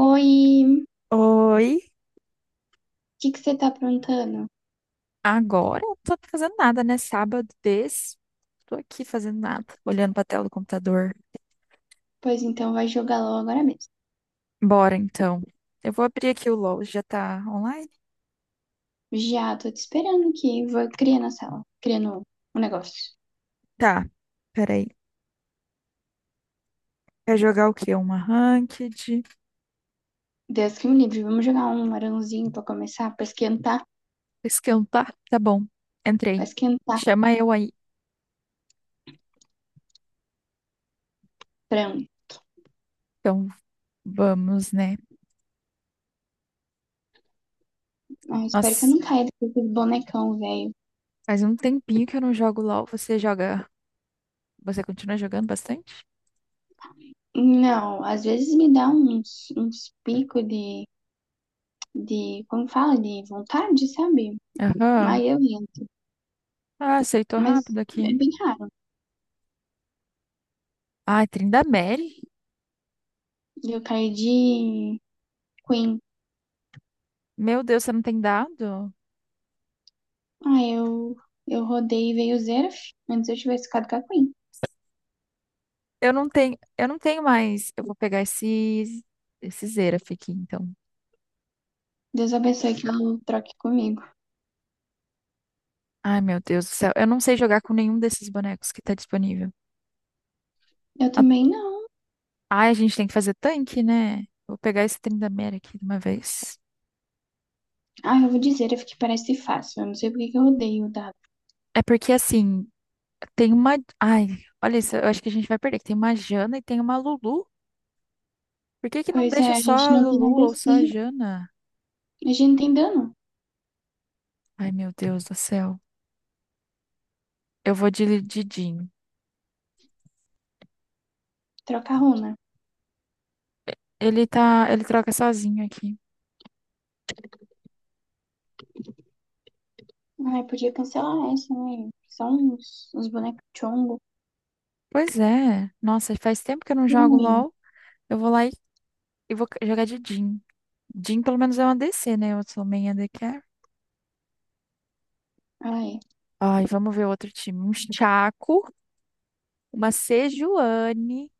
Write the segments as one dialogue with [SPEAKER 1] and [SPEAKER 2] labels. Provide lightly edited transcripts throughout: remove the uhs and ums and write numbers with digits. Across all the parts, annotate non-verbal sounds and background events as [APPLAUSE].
[SPEAKER 1] Oi, o
[SPEAKER 2] Oi,
[SPEAKER 1] que que você tá aprontando?
[SPEAKER 2] agora eu não tô fazendo nada, né? Sábado desse, tô aqui fazendo nada, olhando pra tela do computador.
[SPEAKER 1] Pois então, vai jogar LOL agora mesmo.
[SPEAKER 2] Bora então. Eu vou abrir aqui o LoL, já tá online?
[SPEAKER 1] Já tô te esperando aqui. Vou criar na sala, criando um negócio.
[SPEAKER 2] Tá, peraí. Quer jogar o quê? Uma ranked?
[SPEAKER 1] Deus que me livre, vamos jogar um arãozinho pra começar, pra esquentar,
[SPEAKER 2] Esquentar? Tá bom,
[SPEAKER 1] pra
[SPEAKER 2] entrei.
[SPEAKER 1] esquentar.
[SPEAKER 2] Chama eu aí.
[SPEAKER 1] Frango.
[SPEAKER 2] Então, vamos, né?
[SPEAKER 1] Ah, espero que eu
[SPEAKER 2] Nossa,
[SPEAKER 1] não caia desse bonecão, velho.
[SPEAKER 2] faz um tempinho que eu não jogo LoL. Você joga? Você continua jogando bastante?
[SPEAKER 1] Não, às vezes me dá uns, uns picos de, como fala, de vontade, sabe?
[SPEAKER 2] Aham.
[SPEAKER 1] Aí eu entro.
[SPEAKER 2] Ah, aceitou
[SPEAKER 1] Mas
[SPEAKER 2] rápido
[SPEAKER 1] é
[SPEAKER 2] aqui.
[SPEAKER 1] bem raro.
[SPEAKER 2] Ai, Trindamere?
[SPEAKER 1] Eu caí de Queen.
[SPEAKER 2] Meu Deus, você não tem dado?
[SPEAKER 1] Ah, eu rodei e veio o Zeraf. Antes eu tivesse ficado com a Queen.
[SPEAKER 2] Eu não tenho mais. Eu vou pegar esse Xerath aqui, então.
[SPEAKER 1] Deus abençoe que ela troque comigo.
[SPEAKER 2] Ai, meu Deus do céu. Eu não sei jogar com nenhum desses bonecos que tá disponível.
[SPEAKER 1] Eu
[SPEAKER 2] A-
[SPEAKER 1] também não.
[SPEAKER 2] Ai, a gente tem que fazer tanque, né? Vou pegar esse Tryndamere aqui de uma vez.
[SPEAKER 1] Ah, eu vou dizer, eu fiquei parece fácil. Eu não sei por que que eu rodei o dado.
[SPEAKER 2] É porque, assim, Ai, olha isso, eu acho que a gente vai perder. Que Tem uma Jana e tem uma Lulu. Por que que não
[SPEAKER 1] Pois é,
[SPEAKER 2] deixa
[SPEAKER 1] a
[SPEAKER 2] só
[SPEAKER 1] gente
[SPEAKER 2] a
[SPEAKER 1] não tem
[SPEAKER 2] Lulu ou só a
[SPEAKER 1] ADC.
[SPEAKER 2] Jana?
[SPEAKER 1] A gente não tem dano.
[SPEAKER 2] Ai, meu Deus do céu. Eu vou de Didinho.
[SPEAKER 1] Troca a runa.
[SPEAKER 2] Ele troca sozinho aqui.
[SPEAKER 1] Ai, podia cancelar essa, né? São uns, uns bonecos chongo.
[SPEAKER 2] Pois é. Nossa, faz tempo que eu não jogo
[SPEAKER 1] Ruim.
[SPEAKER 2] LoL. Eu vou lá e jogar de Jhin. Jhin, pelo menos, é uma ADC, né? Eu sou main ADC.
[SPEAKER 1] Ai.
[SPEAKER 2] Ai, vamos ver outro time. Um Chaco, uma Sejuani,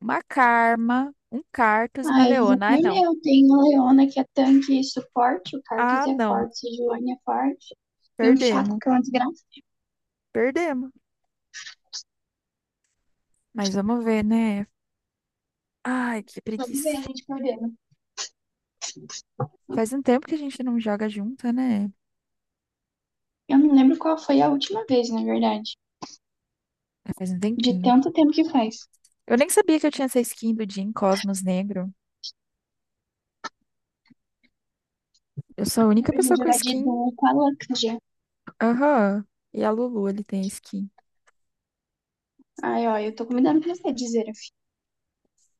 [SPEAKER 2] uma Karma, um Cartus e uma
[SPEAKER 1] Ai, a gente já
[SPEAKER 2] Leona. Ah, não.
[SPEAKER 1] perdeu. Tem a Leona que é tanque e suporte. O Cartus
[SPEAKER 2] Ah,
[SPEAKER 1] é
[SPEAKER 2] não.
[SPEAKER 1] forte. O Joane é forte. E o Chaco
[SPEAKER 2] Perdemos.
[SPEAKER 1] que é uma desgraça.
[SPEAKER 2] Perdemos. Mas vamos ver, né? Ai, que
[SPEAKER 1] Vamos ver,
[SPEAKER 2] preguiça.
[SPEAKER 1] a gente perdeu.
[SPEAKER 2] Faz um tempo que a gente não joga junta, né?
[SPEAKER 1] Eu não lembro qual foi a última vez, na verdade.
[SPEAKER 2] É, faz um
[SPEAKER 1] De
[SPEAKER 2] tempinho.
[SPEAKER 1] tanto tempo que faz.
[SPEAKER 2] Eu nem sabia que eu tinha essa skin do Jhin Cosmos Negro. Eu sou a
[SPEAKER 1] Dá
[SPEAKER 2] única
[SPEAKER 1] pra gente
[SPEAKER 2] pessoa com
[SPEAKER 1] jogar de
[SPEAKER 2] skin.
[SPEAKER 1] duo com a Luxia.
[SPEAKER 2] Aham. E a Lulu, ele tem skin.
[SPEAKER 1] Ai, ó, eu tô convidando pra você, de Zeraf.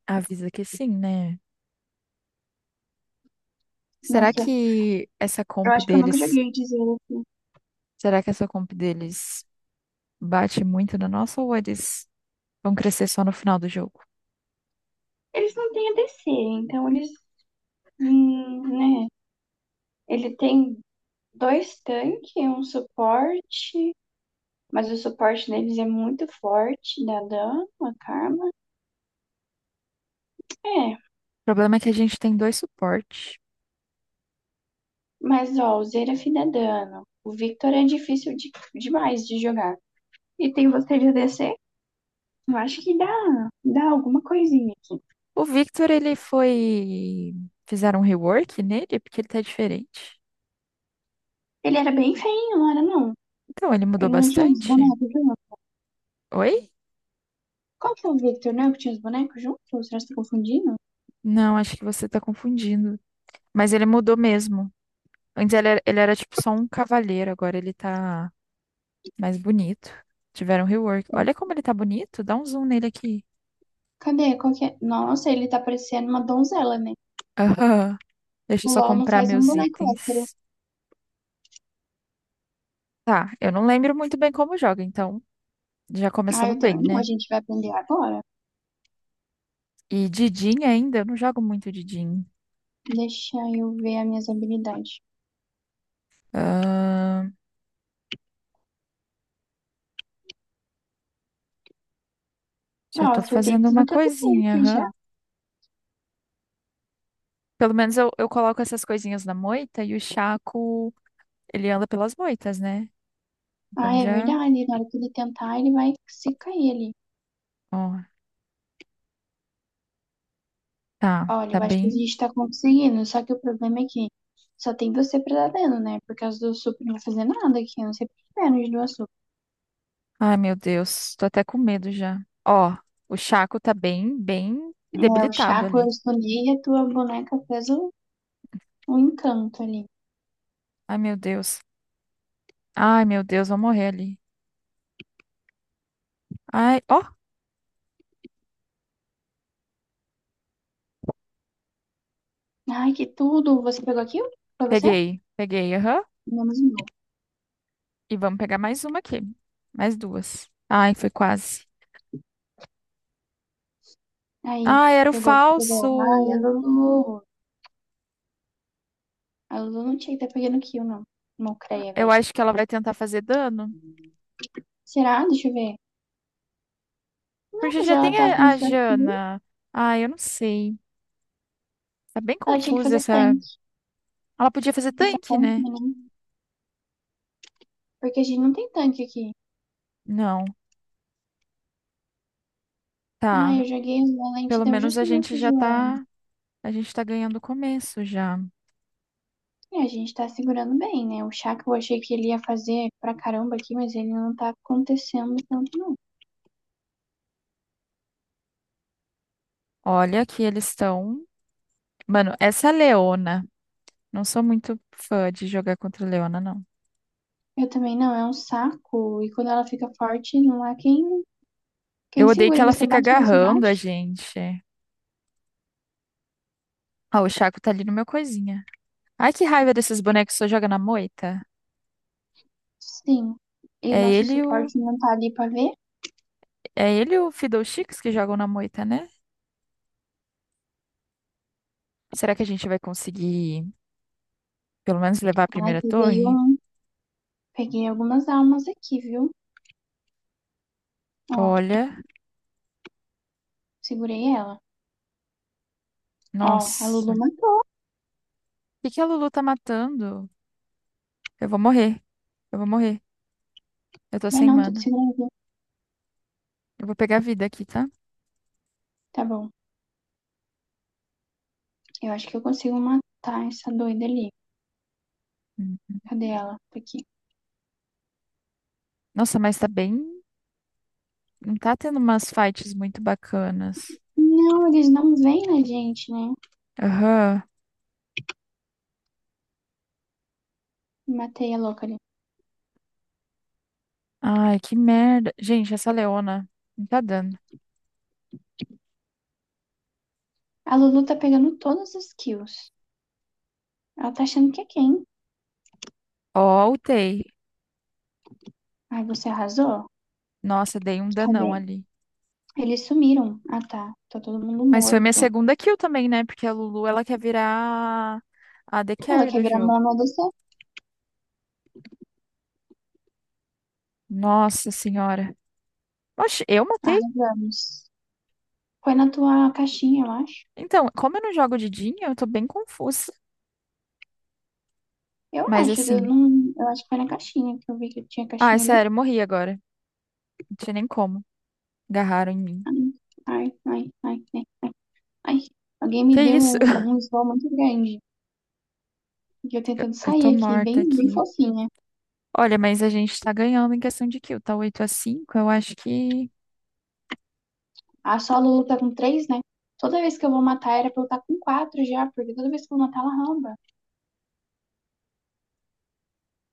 [SPEAKER 2] Avisa que sim, né? Será
[SPEAKER 1] Nossa,
[SPEAKER 2] que essa
[SPEAKER 1] eu
[SPEAKER 2] comp
[SPEAKER 1] acho que eu nunca
[SPEAKER 2] deles,
[SPEAKER 1] joguei de Zeraf.
[SPEAKER 2] será que essa comp deles bate muito na nossa ou eles vão crescer só no final do jogo?
[SPEAKER 1] Eles não têm ADC, então eles. Hum, né? Ele tem dois tanques, um suporte. Mas o suporte deles é muito forte, dá dano, a Karma. É,
[SPEAKER 2] O problema é que a gente tem dois suportes.
[SPEAKER 1] mas ó, o Zeraf dá dano. O Victor é difícil demais de jogar. E tem você de ADC? Eu acho que dá alguma coisinha aqui.
[SPEAKER 2] O Victor, ele foi, fizeram um rework nele porque ele tá diferente.
[SPEAKER 1] Ele era bem feinho, não era não?
[SPEAKER 2] Então, ele mudou
[SPEAKER 1] Ele não tinha uns
[SPEAKER 2] bastante.
[SPEAKER 1] bonecos junto?
[SPEAKER 2] Oi?
[SPEAKER 1] Qual que é o Victor, né? Que tinha os bonecos junto? Será que você tá confundindo?
[SPEAKER 2] Não, acho que você tá confundindo. Mas ele mudou mesmo. Antes ele era tipo só um cavaleiro, agora ele tá mais bonito. Tiveram rework. Olha como ele tá bonito. Dá um zoom nele aqui.
[SPEAKER 1] Cadê? Qual que é? Nossa, ele tá parecendo uma donzela, né?
[SPEAKER 2] Aham. Deixa
[SPEAKER 1] O
[SPEAKER 2] eu só
[SPEAKER 1] LOL não
[SPEAKER 2] comprar
[SPEAKER 1] faz um
[SPEAKER 2] meus
[SPEAKER 1] boneco hétero.
[SPEAKER 2] itens. Tá, eu não lembro muito bem como joga, então já
[SPEAKER 1] Ah,
[SPEAKER 2] começamos
[SPEAKER 1] eu
[SPEAKER 2] bem,
[SPEAKER 1] também não. A
[SPEAKER 2] né?
[SPEAKER 1] gente vai aprender agora.
[SPEAKER 2] E Didin ainda, eu não jogo muito Didin.
[SPEAKER 1] Deixa eu ver as minhas habilidades.
[SPEAKER 2] Ahn,
[SPEAKER 1] Ó,
[SPEAKER 2] já tô
[SPEAKER 1] acertei
[SPEAKER 2] fazendo uma
[SPEAKER 1] tudo que eu tentei
[SPEAKER 2] coisinha,
[SPEAKER 1] aqui
[SPEAKER 2] aham.
[SPEAKER 1] já.
[SPEAKER 2] Pelo menos eu coloco essas coisinhas na moita e o Chaco, ele anda pelas moitas, né?
[SPEAKER 1] Ah,
[SPEAKER 2] Então
[SPEAKER 1] é
[SPEAKER 2] já,
[SPEAKER 1] verdade. Na hora que ele tentar, ele vai se cair ali.
[SPEAKER 2] ó, tá,
[SPEAKER 1] Olha,
[SPEAKER 2] tá
[SPEAKER 1] eu acho que a
[SPEAKER 2] bem.
[SPEAKER 1] gente tá conseguindo, só que o problema é que só tem você pretendendo, né? Por causa do açúcar não vai fazer nada aqui, eu não sei por que menos do açúcar.
[SPEAKER 2] Ai, meu Deus, tô até com medo já. Ó, o Chaco tá bem, bem
[SPEAKER 1] É, o
[SPEAKER 2] debilitado
[SPEAKER 1] Chaco eu
[SPEAKER 2] ali.
[SPEAKER 1] escondi e a tua boneca fez um, um encanto ali.
[SPEAKER 2] Ai, meu Deus. Ai, meu Deus, vou morrer ali. Ai, ó,
[SPEAKER 1] Ai, que tudo! Você pegou aquilo? Foi você?
[SPEAKER 2] peguei, peguei, aham.
[SPEAKER 1] Menos o meu.
[SPEAKER 2] E vamos pegar mais uma aqui. Mais duas. Ai, foi quase.
[SPEAKER 1] Aí,
[SPEAKER 2] Ai, era o
[SPEAKER 1] pegou aqui, pegou. Ai, a
[SPEAKER 2] falso.
[SPEAKER 1] Lulu. A Lulu não tinha que estar pegando aquilo, não. Mocreia,
[SPEAKER 2] Eu
[SPEAKER 1] velho.
[SPEAKER 2] acho que ela vai tentar fazer dano.
[SPEAKER 1] Será? Deixa eu ver. Não,
[SPEAKER 2] Porque
[SPEAKER 1] mas
[SPEAKER 2] já
[SPEAKER 1] ela
[SPEAKER 2] tem
[SPEAKER 1] tá com
[SPEAKER 2] a
[SPEAKER 1] isso aqui.
[SPEAKER 2] Jana. Ai, eu não sei. Tá bem
[SPEAKER 1] Ela tinha que
[SPEAKER 2] confusa
[SPEAKER 1] fazer
[SPEAKER 2] essa.
[SPEAKER 1] tanque.
[SPEAKER 2] Ela podia fazer
[SPEAKER 1] Essa
[SPEAKER 2] tanque,
[SPEAKER 1] conta,
[SPEAKER 2] né?
[SPEAKER 1] né? Porque a gente não tem tanque aqui.
[SPEAKER 2] Não.
[SPEAKER 1] Ah,
[SPEAKER 2] Tá.
[SPEAKER 1] eu joguei um valente,
[SPEAKER 2] Pelo
[SPEAKER 1] deu
[SPEAKER 2] menos a
[SPEAKER 1] justo
[SPEAKER 2] gente
[SPEAKER 1] nessa
[SPEAKER 2] já
[SPEAKER 1] Joana.
[SPEAKER 2] tá. A gente tá ganhando o começo já.
[SPEAKER 1] E a gente tá segurando bem, né? O chá que eu achei que ele ia fazer pra caramba aqui, mas ele não tá acontecendo tanto, não.
[SPEAKER 2] Olha que eles estão. Mano, essa Leona. Não sou muito fã de jogar contra a Leona, não.
[SPEAKER 1] Eu também não, é um saco. E quando ela fica forte, não há quem
[SPEAKER 2] Eu odeio que
[SPEAKER 1] segure.
[SPEAKER 2] ela
[SPEAKER 1] Você
[SPEAKER 2] fica
[SPEAKER 1] bate, bate,
[SPEAKER 2] agarrando
[SPEAKER 1] bate.
[SPEAKER 2] a gente. Ah, o Chaco tá ali no meu coisinha. Ai, que raiva desses bonecos que só joga na moita.
[SPEAKER 1] Sim. E
[SPEAKER 2] É
[SPEAKER 1] nosso
[SPEAKER 2] ele e o.
[SPEAKER 1] suporte não tá ali pra ver.
[SPEAKER 2] É ele e o Fiddlesticks que jogam na moita, né? Será que a gente vai conseguir, pelo menos, levar a
[SPEAKER 1] Ai,
[SPEAKER 2] primeira
[SPEAKER 1] peguei
[SPEAKER 2] torre?
[SPEAKER 1] um. Peguei algumas almas aqui, viu? Ó,
[SPEAKER 2] Olha.
[SPEAKER 1] segurei ela. Ó, a Lulu
[SPEAKER 2] Nossa.
[SPEAKER 1] matou.
[SPEAKER 2] O que que a Lulu tá matando? Eu vou morrer. Eu vou morrer. Eu tô
[SPEAKER 1] Vai
[SPEAKER 2] sem
[SPEAKER 1] não, tô te
[SPEAKER 2] mana.
[SPEAKER 1] segurando.
[SPEAKER 2] Eu vou pegar vida aqui, tá?
[SPEAKER 1] Tá bom. Eu acho que eu consigo matar essa doida ali.
[SPEAKER 2] Hum.
[SPEAKER 1] Cadê ela? Tá aqui.
[SPEAKER 2] Nossa, mas tá bem. Não tá tendo umas fights muito bacanas.
[SPEAKER 1] Não, eles não vêm na gente, né?
[SPEAKER 2] Aham.
[SPEAKER 1] Matei a louca ali.
[SPEAKER 2] Ai, que merda. Gente, essa Leona não tá dando.
[SPEAKER 1] A Lulu tá pegando todas as kills. Ela tá achando que é quem?
[SPEAKER 2] Ó, ultei.
[SPEAKER 1] Ai, você arrasou?
[SPEAKER 2] Nossa, dei um
[SPEAKER 1] Cadê?
[SPEAKER 2] danão ali.
[SPEAKER 1] Eles sumiram. Ah, tá. Tá todo mundo
[SPEAKER 2] Mas foi minha
[SPEAKER 1] morto.
[SPEAKER 2] segunda kill também, né? Porque a Lulu, ela quer virar a AD
[SPEAKER 1] Ela
[SPEAKER 2] Carry
[SPEAKER 1] quer
[SPEAKER 2] do
[SPEAKER 1] virar
[SPEAKER 2] jogo.
[SPEAKER 1] mono dessa?
[SPEAKER 2] Nossa senhora. Oxe, eu matei?
[SPEAKER 1] Arrasamos. Foi na tua caixinha, eu acho.
[SPEAKER 2] Então, como eu não jogo de Jean, eu tô bem confusa.
[SPEAKER 1] Eu
[SPEAKER 2] Mas
[SPEAKER 1] acho, eu
[SPEAKER 2] assim.
[SPEAKER 1] não. Eu acho que foi na caixinha que eu vi que tinha
[SPEAKER 2] Ai,
[SPEAKER 1] caixinha ali.
[SPEAKER 2] sério, eu morri agora. Não tinha nem como. Agarraram em mim.
[SPEAKER 1] Ai, ai, ai, ai, ai. Alguém
[SPEAKER 2] Que
[SPEAKER 1] me deu
[SPEAKER 2] isso? [LAUGHS]
[SPEAKER 1] um, um slow muito grande. E eu
[SPEAKER 2] Eu
[SPEAKER 1] tentando
[SPEAKER 2] eu tô
[SPEAKER 1] sair aqui,
[SPEAKER 2] morta
[SPEAKER 1] bem, bem
[SPEAKER 2] aqui.
[SPEAKER 1] fofinha.
[SPEAKER 2] Olha, mas a gente tá ganhando em questão de kill, tá 8-5. Eu acho que
[SPEAKER 1] A Solo luta com três, né? Toda vez que eu vou matar era pra eu estar com quatro já, porque toda vez que eu vou matar ela ramba.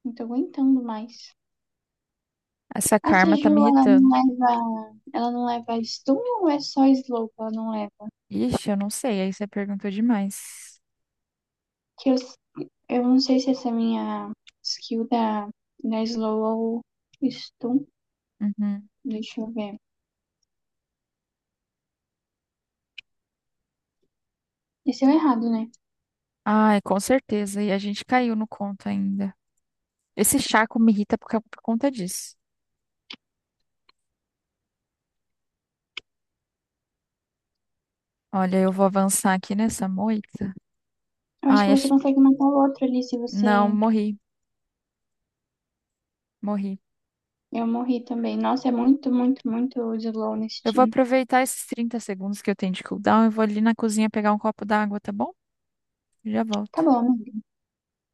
[SPEAKER 1] Não tô aguentando mais.
[SPEAKER 2] essa
[SPEAKER 1] A
[SPEAKER 2] karma tá
[SPEAKER 1] Seju,
[SPEAKER 2] me
[SPEAKER 1] ela não
[SPEAKER 2] irritando.
[SPEAKER 1] leva. Ela não leva stun ou é só slow que ela não leva?
[SPEAKER 2] Ixi, eu não sei, aí você perguntou demais.
[SPEAKER 1] Que eu não sei se essa é a minha skill da slow ou stun.
[SPEAKER 2] Uhum.
[SPEAKER 1] Deixa eu ver. Esse é o errado, né?
[SPEAKER 2] Ai, com certeza, e a gente caiu no conto ainda. Esse Chaco me irrita por conta disso. Olha, eu vou avançar aqui nessa moita.
[SPEAKER 1] Eu acho que
[SPEAKER 2] Ai,
[SPEAKER 1] você
[SPEAKER 2] ach-
[SPEAKER 1] consegue matar o outro ali se você.
[SPEAKER 2] não, morri, morri.
[SPEAKER 1] Eu morri também. Nossa, é muito, muito, muito slow nesse
[SPEAKER 2] Eu vou
[SPEAKER 1] time.
[SPEAKER 2] aproveitar esses 30 segundos que eu tenho de cooldown e vou ali na cozinha pegar um copo d'água, tá bom? Já
[SPEAKER 1] Tá
[SPEAKER 2] volto.
[SPEAKER 1] bom, amigo.